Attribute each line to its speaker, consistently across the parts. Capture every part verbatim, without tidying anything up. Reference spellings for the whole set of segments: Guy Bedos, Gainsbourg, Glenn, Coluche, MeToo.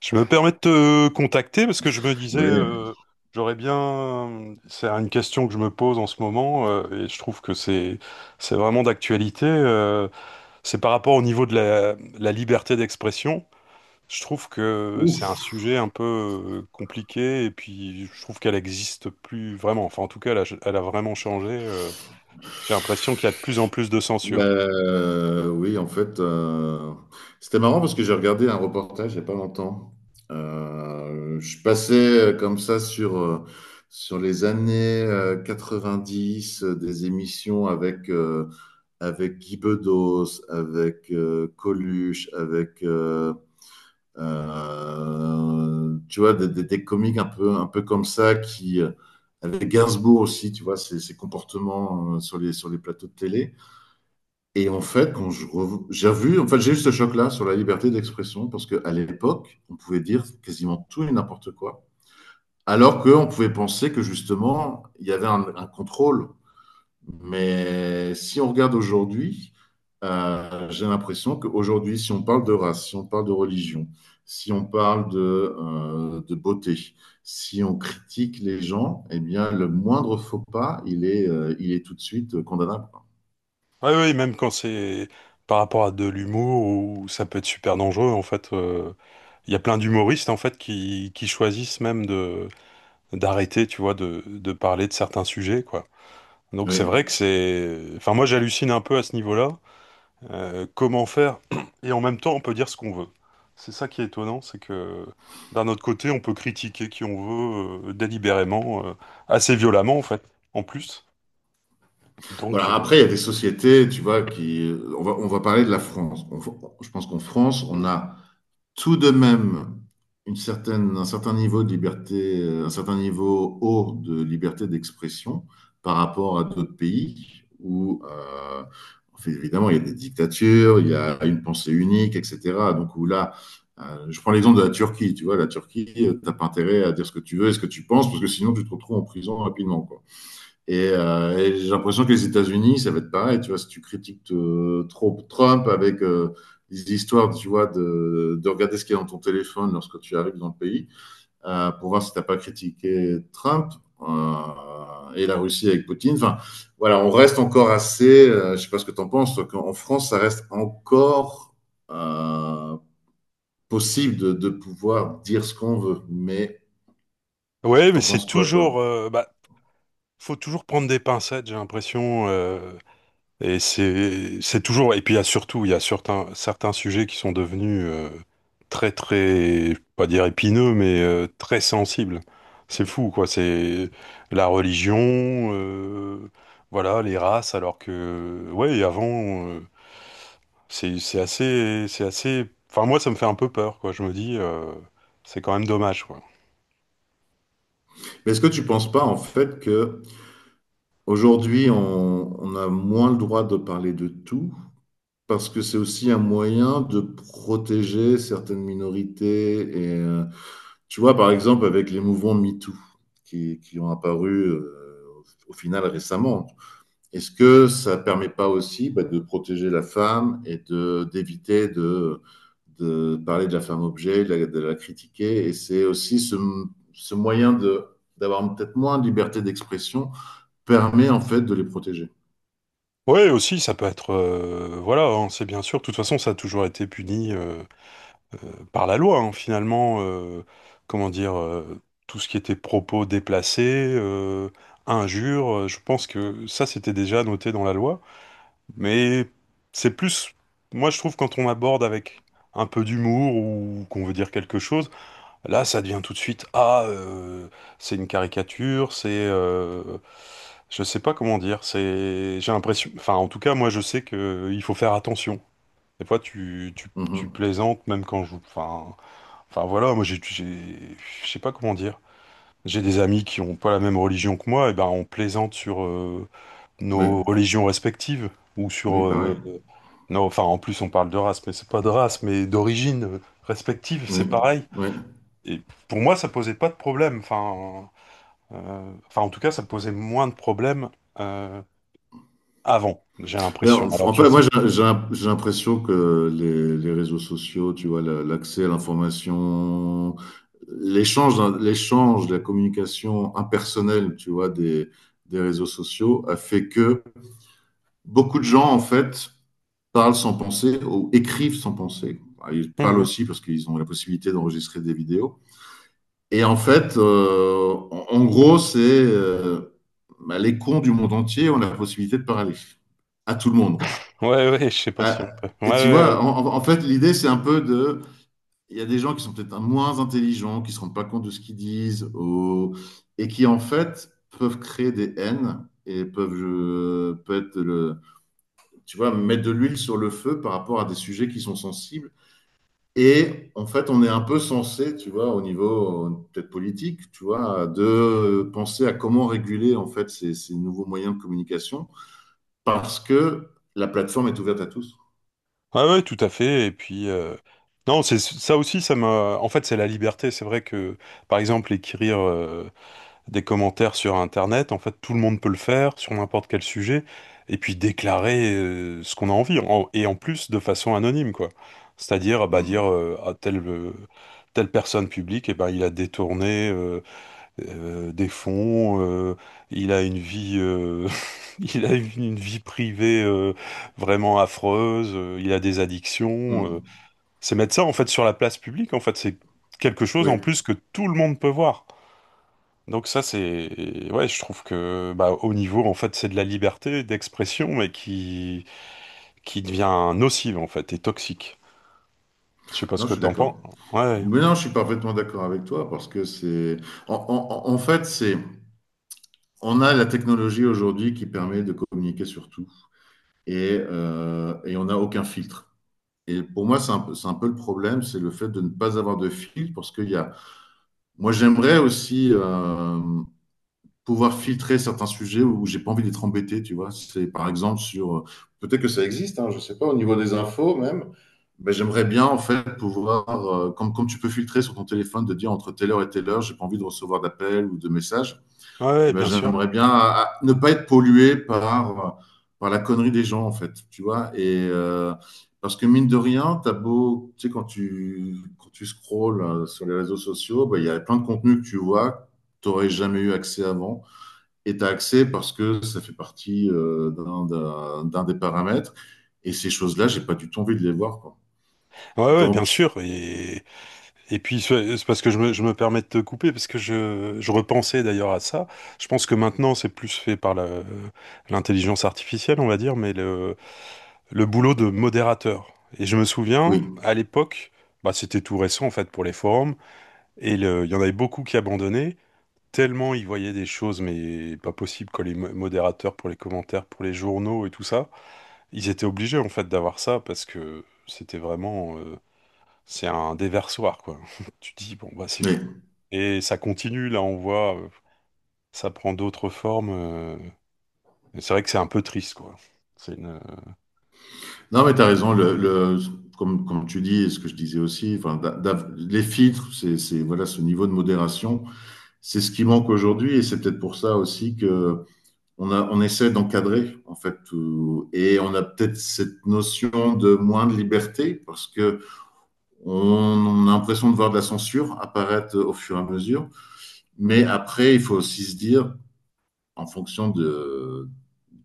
Speaker 1: Je me permets de te contacter parce que je me disais,
Speaker 2: Oui,
Speaker 1: euh, j'aurais bien, c'est une question que je me pose en ce moment euh, et je trouve que c'est c'est vraiment d'actualité. euh, c'est par rapport au niveau de la, la liberté d'expression. Je trouve que c'est un
Speaker 2: ouf.
Speaker 1: sujet un peu euh, compliqué et puis je trouve qu'elle existe plus vraiment. Enfin, en tout cas, elle a, elle a vraiment changé. euh. j'ai l'impression qu'il y a de plus en plus de
Speaker 2: Ben,
Speaker 1: censure.
Speaker 2: euh, oui, en fait, euh, c'était marrant parce que j'ai regardé un reportage il n'y a pas longtemps. Euh, je passais euh, comme ça sur, euh, sur les années euh, quatre-vingt-dix, euh, des émissions avec, euh, avec Guy Bedos, avec euh, Coluche, avec, euh, euh, tu vois, des, des, des comiques un peu, un peu comme ça. Qui. Euh, Avec Gainsbourg aussi, tu vois, ses, ses comportements euh, sur les, sur les plateaux de télé. Et en fait, quand je rev- j'ai vu, en fait, j'ai eu ce choc-là sur la liberté d'expression parce qu'à l'époque, on pouvait dire quasiment tout et n'importe quoi, alors qu'on pouvait penser que justement, il y avait un, un contrôle. Mais si on regarde aujourd'hui, euh, j'ai l'impression qu'aujourd'hui, si on parle de race, si on parle de religion, si on parle de, euh, de beauté, si on critique les gens, eh bien, le moindre faux pas, il est, euh, il est tout de suite condamnable.
Speaker 1: Oui, oui, même quand c'est par rapport à de l'humour où ça peut être super dangereux, en fait, euh, il y a plein d'humoristes en fait qui, qui choisissent même de d'arrêter, tu vois, de, de parler de certains sujets, quoi. Donc c'est
Speaker 2: Oui.
Speaker 1: vrai que c'est, enfin moi j'hallucine un peu à ce niveau-là. Euh, comment faire? Et en même temps, on peut dire ce qu'on veut. C'est ça qui est étonnant, c'est que d'un autre côté, on peut critiquer qui on veut euh, délibérément, euh, assez violemment en fait, en plus. Donc
Speaker 2: Voilà,
Speaker 1: euh,
Speaker 2: après, il y a des sociétés, tu vois. Qui. On va, on va parler de la France. On va- je pense qu'en France, on
Speaker 1: Mm.
Speaker 2: a tout de même une certaine, un certain niveau de liberté, euh, un certain niveau haut de liberté d'expression par rapport à d'autres pays où, euh, en fait, évidemment, il y a des dictatures, il y a une pensée unique, et cetera. Donc, où là, euh, je prends l'exemple de la Turquie, tu vois, la Turquie, euh, t'as pas intérêt à dire ce que tu veux et ce que tu penses, parce que sinon, tu te retrouves en prison rapidement, quoi. Et, euh, et j'ai l'impression que les États-Unis, ça va être pareil. Tu vois, si tu critiques euh, trop Trump avec euh, les histoires, tu vois, de, de regarder ce qu'il y a dans ton téléphone lorsque tu arrives dans le pays, euh, pour voir si t'as pas critiqué Trump euh, et la Russie avec Poutine. Enfin, voilà, on reste encore assez. Euh, je sais pas ce que t'en penses, toi. qu'en- En France, ça reste encore euh, possible de, de pouvoir dire ce qu'on veut. Mais
Speaker 1: Ouais, mais
Speaker 2: t'en
Speaker 1: c'est
Speaker 2: penses quoi,
Speaker 1: toujours.
Speaker 2: toi?
Speaker 1: Euh, bah, faut toujours prendre des pincettes, j'ai l'impression. Euh, et c'est c'est toujours. Et puis il y a surtout, il y a certains certains sujets qui sont devenus euh, très très, je peux pas dire épineux, mais euh, très sensibles. C'est fou, quoi. C'est la religion, euh, voilà, les races. Alors que ouais, avant, euh, c'est c'est assez c'est assez. Enfin moi, ça me fait un peu peur, quoi. Je me dis, euh, c'est quand même dommage, quoi.
Speaker 2: Mais est-ce que tu penses pas en fait que aujourd'hui, on, on a moins le droit de parler de tout parce que c'est aussi un moyen de protéger certaines minorités. Et euh, tu vois, par exemple, avec les mouvements MeToo qui, qui ont apparu euh, au final récemment, est-ce que ça permet pas aussi, bah, de protéger la femme et de d'éviter de, de parler de la femme objet, de la, de la critiquer. Et c'est aussi ce, ce moyen de d'avoir peut-être moins de liberté d'expression permet en fait de les protéger.
Speaker 1: Ouais, aussi, ça peut être, euh, voilà, hein, c'est bien sûr. De toute façon, ça a toujours été puni, euh, par la loi, hein, finalement, euh, comment dire, euh, tout ce qui était propos déplacés, euh, injures, euh, je pense que ça, c'était déjà noté dans la loi. Mais c'est plus, moi, je trouve, quand on aborde avec un peu d'humour ou qu'on veut dire quelque chose, là, ça devient tout de suite, ah, euh, c'est une caricature, c'est, euh, je sais pas comment dire, c'est. J'ai l'impression. Enfin, en tout cas, moi, je sais que il faut faire attention. Des fois, tu, tu, tu
Speaker 2: Mmh.
Speaker 1: plaisantes, même quand je. Enfin, Enfin voilà, moi j'ai, j'ai- je sais pas comment dire. J'ai des amis qui ont pas la même religion que moi, et ben on plaisante sur euh,
Speaker 2: Oui,
Speaker 1: nos religions respectives ou
Speaker 2: oui,
Speaker 1: sur
Speaker 2: pareil.
Speaker 1: euh, non, enfin en plus on parle de race, mais c'est pas de race, mais d'origine euh, respective,
Speaker 2: Oui,
Speaker 1: c'est pareil.
Speaker 2: oui.
Speaker 1: Et pour moi ça posait pas de problème, enfin euh, enfin en tout cas ça posait moins de problèmes euh, avant, j'ai
Speaker 2: Mais
Speaker 1: l'impression.
Speaker 2: en
Speaker 1: Alors
Speaker 2: en
Speaker 1: je
Speaker 2: fait,
Speaker 1: sais.
Speaker 2: moi, j'ai j'ai l'im j'ai l'impression que les les réseaux sociaux, tu vois, le l'accès à l'information, l'échange, hein, l'échange, la communication impersonnelle, tu vois, des des réseaux sociaux a fait que beaucoup de gens, en fait, parlent sans penser ou écrivent sans penser. Bah, ils parlent
Speaker 1: Mhm.
Speaker 2: aussi parce qu'ils ont la possibilité d'enregistrer des vidéos. Et en fait, euh, en, en gros, c'est, euh, bah, les cons du monde entier ont la possibilité de parler à tout le monde.
Speaker 1: Ouais, ouais, je sais pas si on
Speaker 2: À-
Speaker 1: peut. Ouais, ouais.
Speaker 2: et tu
Speaker 1: Ouais.
Speaker 2: vois, en, en- fait, l'idée, c'est un peu de... Il y a des gens qui sont peut-être moins intelligents, qui ne se rendent pas compte de ce qu'ils disent, ou- et qui, en fait, peuvent créer des haines et peuvent, je, peut être le, tu vois, mettre de l'huile sur le feu par rapport à des sujets qui sont sensibles. Et en fait, on est un peu censé, tu vois, au niveau, euh, peut-être politique, tu vois, de penser à comment réguler en fait ces, ces nouveaux moyens de communication parce que la plateforme est ouverte à tous.
Speaker 1: Ah ouais, tout à fait. Et puis, euh, non, c'est ça aussi, ça m'a. En fait, c'est la liberté. C'est vrai que, par exemple, écrire euh, des commentaires sur Internet, en fait, tout le monde peut le faire sur n'importe quel sujet, et puis déclarer euh, ce qu'on a envie, en- et en plus de façon anonyme, quoi. C'est-à-dire, bah, dire
Speaker 2: Mm,
Speaker 1: euh, à telle euh, telle personne publique, et ben, il a détourné, euh, euh, des fonds, euh, il a une vie, euh, il a une une vie privée euh, vraiment affreuse, euh, il a des addictions. euh.
Speaker 2: mm.
Speaker 1: C'est mettre ça en fait sur la place publique, en fait, c'est quelque chose
Speaker 2: Oui,
Speaker 1: en plus que tout le monde peut voir. Donc ça, c'est, ouais, je trouve que bah, au niveau, en fait, c'est de la liberté d'expression, mais qui, qui devient nocive, en fait, et toxique. Je sais pas ce
Speaker 2: non, je
Speaker 1: que
Speaker 2: suis
Speaker 1: t'en penses.
Speaker 2: d'accord.
Speaker 1: Ouais,
Speaker 2: Mais non, je suis parfaitement d'accord avec toi parce que c'est, en, en- en fait, c'est, on a la technologie aujourd'hui qui permet de communiquer sur tout et, euh, et on n'a aucun filtre. Et pour moi, c'est un peu, c'est un peu le problème, c'est le fait de ne pas avoir de filtre parce qu'il y a. Moi, j'aimerais aussi euh, pouvoir filtrer certains sujets où j'ai pas envie d'être embêté, tu vois. C'est par exemple sur, euh, peut-être que ça existe, hein, je sais pas, au niveau des infos même, mais j'aimerais bien en fait pouvoir, euh, comme, comme tu peux filtrer sur ton téléphone, de dire entre telle heure et telle heure, j'ai pas envie de recevoir d'appels ou de messages.
Speaker 1: ouais, ouais,
Speaker 2: Eh ben,
Speaker 1: bien sûr.
Speaker 2: j'aimerais bien à- à ne pas être pollué par, par la connerie des gens, en fait, tu vois. Et, euh, parce que mine de rien, t'as beau, tu sais, quand tu, quand tu scrolles euh, sur les réseaux sociaux, bah, il y a plein de contenus que tu vois, que t'aurais jamais eu accès avant. Et t'as accès parce que ça fait partie, euh, d'un d'un- d'un des paramètres. Et ces choses-là, j'ai pas du tout envie de les voir, quoi.
Speaker 1: Ouais, ouais, bien
Speaker 2: Donc,
Speaker 1: sûr. Et Et puis, c'est c'est parce que je me, je me permets de te couper, parce que je, je repensais d'ailleurs à ça. Je pense que maintenant, c'est plus fait par la- l'intelligence artificielle, on va dire, mais le, le boulot de modérateur. Et je me souviens,
Speaker 2: oui,
Speaker 1: à l'époque, bah, c'était tout récent en fait pour les forums, et le- il y en avait beaucoup qui abandonnaient, tellement ils voyaient des choses, mais pas possible, quand les mo- modérateurs pour les commentaires, pour les journaux et tout ça, ils étaient obligés en fait d'avoir ça, parce que c'était vraiment. Euh, c'est un déversoir, quoi. Tu dis, bon, bah, c'est fou.
Speaker 2: oui.
Speaker 1: Et ça continue, là, on voit, euh, ça prend d'autres formes. euh, et c'est vrai que c'est un peu triste, quoi. C'est une.
Speaker 2: Non, mais tu as raison. Le, le- comme comme tu dis, et ce que je disais aussi, enfin, d'a- d'av- les filtres, c'est, c'est- voilà, ce niveau de modération, c'est ce qui manque aujourd'hui. Et c'est peut-être pour ça aussi que on a, on essaie d'encadrer, en fait, tout. Et on a peut-être cette notion de moins de liberté parce que on, on a l'impression de voir de la censure apparaître au fur et à mesure. Mais après, il faut aussi se dire, en fonction de,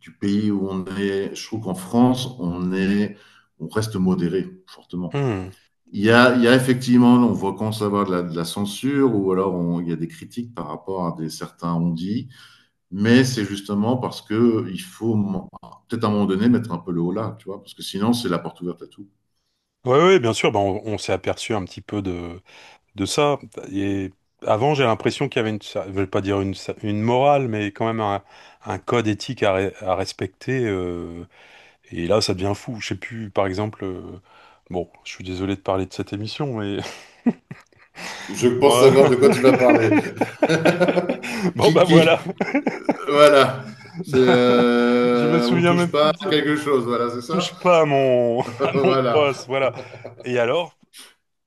Speaker 2: du pays où on est. Je trouve qu'en France, on, est, on reste modéré fortement.
Speaker 1: Hmm.
Speaker 2: Il y, a, il y a effectivement, on voit quand ça va de la, de la censure ou alors, on, il y a des critiques par rapport à des certains, on mais c'est justement parce que il faut peut-être à un moment donné mettre un peu le haut là, tu vois, parce que sinon c'est la porte ouverte à tout.
Speaker 1: Ouais, ouais, bien sûr, bah, on, on s'est aperçu un petit peu de, de ça. Et avant, j'ai l'impression qu'il y avait une, ça- je vais pas dire une, sa- une morale, mais quand même un, un code éthique à, re- à respecter. euh, et là, ça devient fou. Je sais plus, par exemple, euh, bon, je suis désolé de parler de cette émission, mais.
Speaker 2: Je pense
Speaker 1: Ouais.
Speaker 2: savoir de quoi tu vas parler.
Speaker 1: Bon,
Speaker 2: qui,
Speaker 1: bah
Speaker 2: qui,
Speaker 1: voilà.
Speaker 2: voilà, c'est,
Speaker 1: Je me
Speaker 2: euh, on ne
Speaker 1: souviens
Speaker 2: touche
Speaker 1: même
Speaker 2: pas
Speaker 1: plus
Speaker 2: à
Speaker 1: de.
Speaker 2: quelque chose, voilà, c'est ça.
Speaker 1: Touche pas à mon, à mon
Speaker 2: Voilà.
Speaker 1: poste, voilà. Et alors,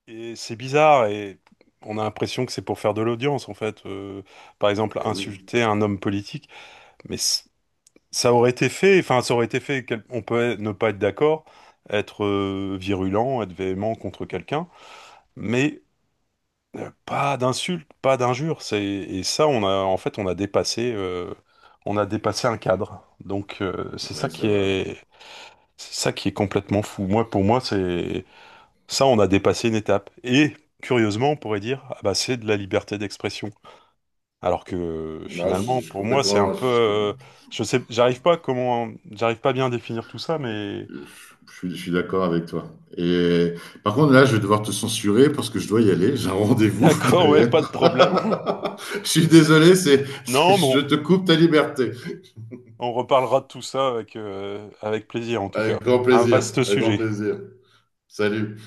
Speaker 1: et c'est bizarre et on a l'impression que c'est pour faire de l'audience, en fait. Euh, par exemple,
Speaker 2: Mais oui.
Speaker 1: insulter un homme politique, mais c- ça aurait été fait, enfin, ça aurait été fait, quel- on peut être- ne pas être d'accord, être euh, virulent, être véhément contre quelqu'un, mais euh, pas d'insultes, pas d'injures. C'est. Et ça, on a, en fait, on a dépassé, euh, on a dépassé un cadre. Donc, euh, c'est ça
Speaker 2: Mais
Speaker 1: qui
Speaker 2: c'est vrai.
Speaker 1: est. C'est ça qui est complètement fou. Moi, pour moi, c'est ça, on a dépassé une étape. Et curieusement, on pourrait dire, ah bah, c'est de la liberté d'expression. Alors que
Speaker 2: Non, je, suis
Speaker 1: finalement,
Speaker 2: je suis
Speaker 1: pour moi, c'est un
Speaker 2: complètement,
Speaker 1: peu,
Speaker 2: je, suis
Speaker 1: euh,
Speaker 2: com-
Speaker 1: je sais, j'arrive pas comment, j'arrive pas bien à définir tout ça, mais
Speaker 2: je- je suis, je suis d'accord avec toi. Et par contre, là, je vais devoir te censurer parce que je dois y aller. J'ai un rendez-vous
Speaker 1: d'accord, ouais,
Speaker 2: derrière.
Speaker 1: pas de problème.
Speaker 2: Je suis désolé, c'est, c'est-
Speaker 1: Non,
Speaker 2: je
Speaker 1: bon,
Speaker 2: te coupe ta liberté.
Speaker 1: on reparlera de tout ça avec euh, avec plaisir en tout cas.
Speaker 2: Avec grand
Speaker 1: Un
Speaker 2: plaisir,
Speaker 1: vaste
Speaker 2: avec grand
Speaker 1: sujet.
Speaker 2: plaisir. Salut.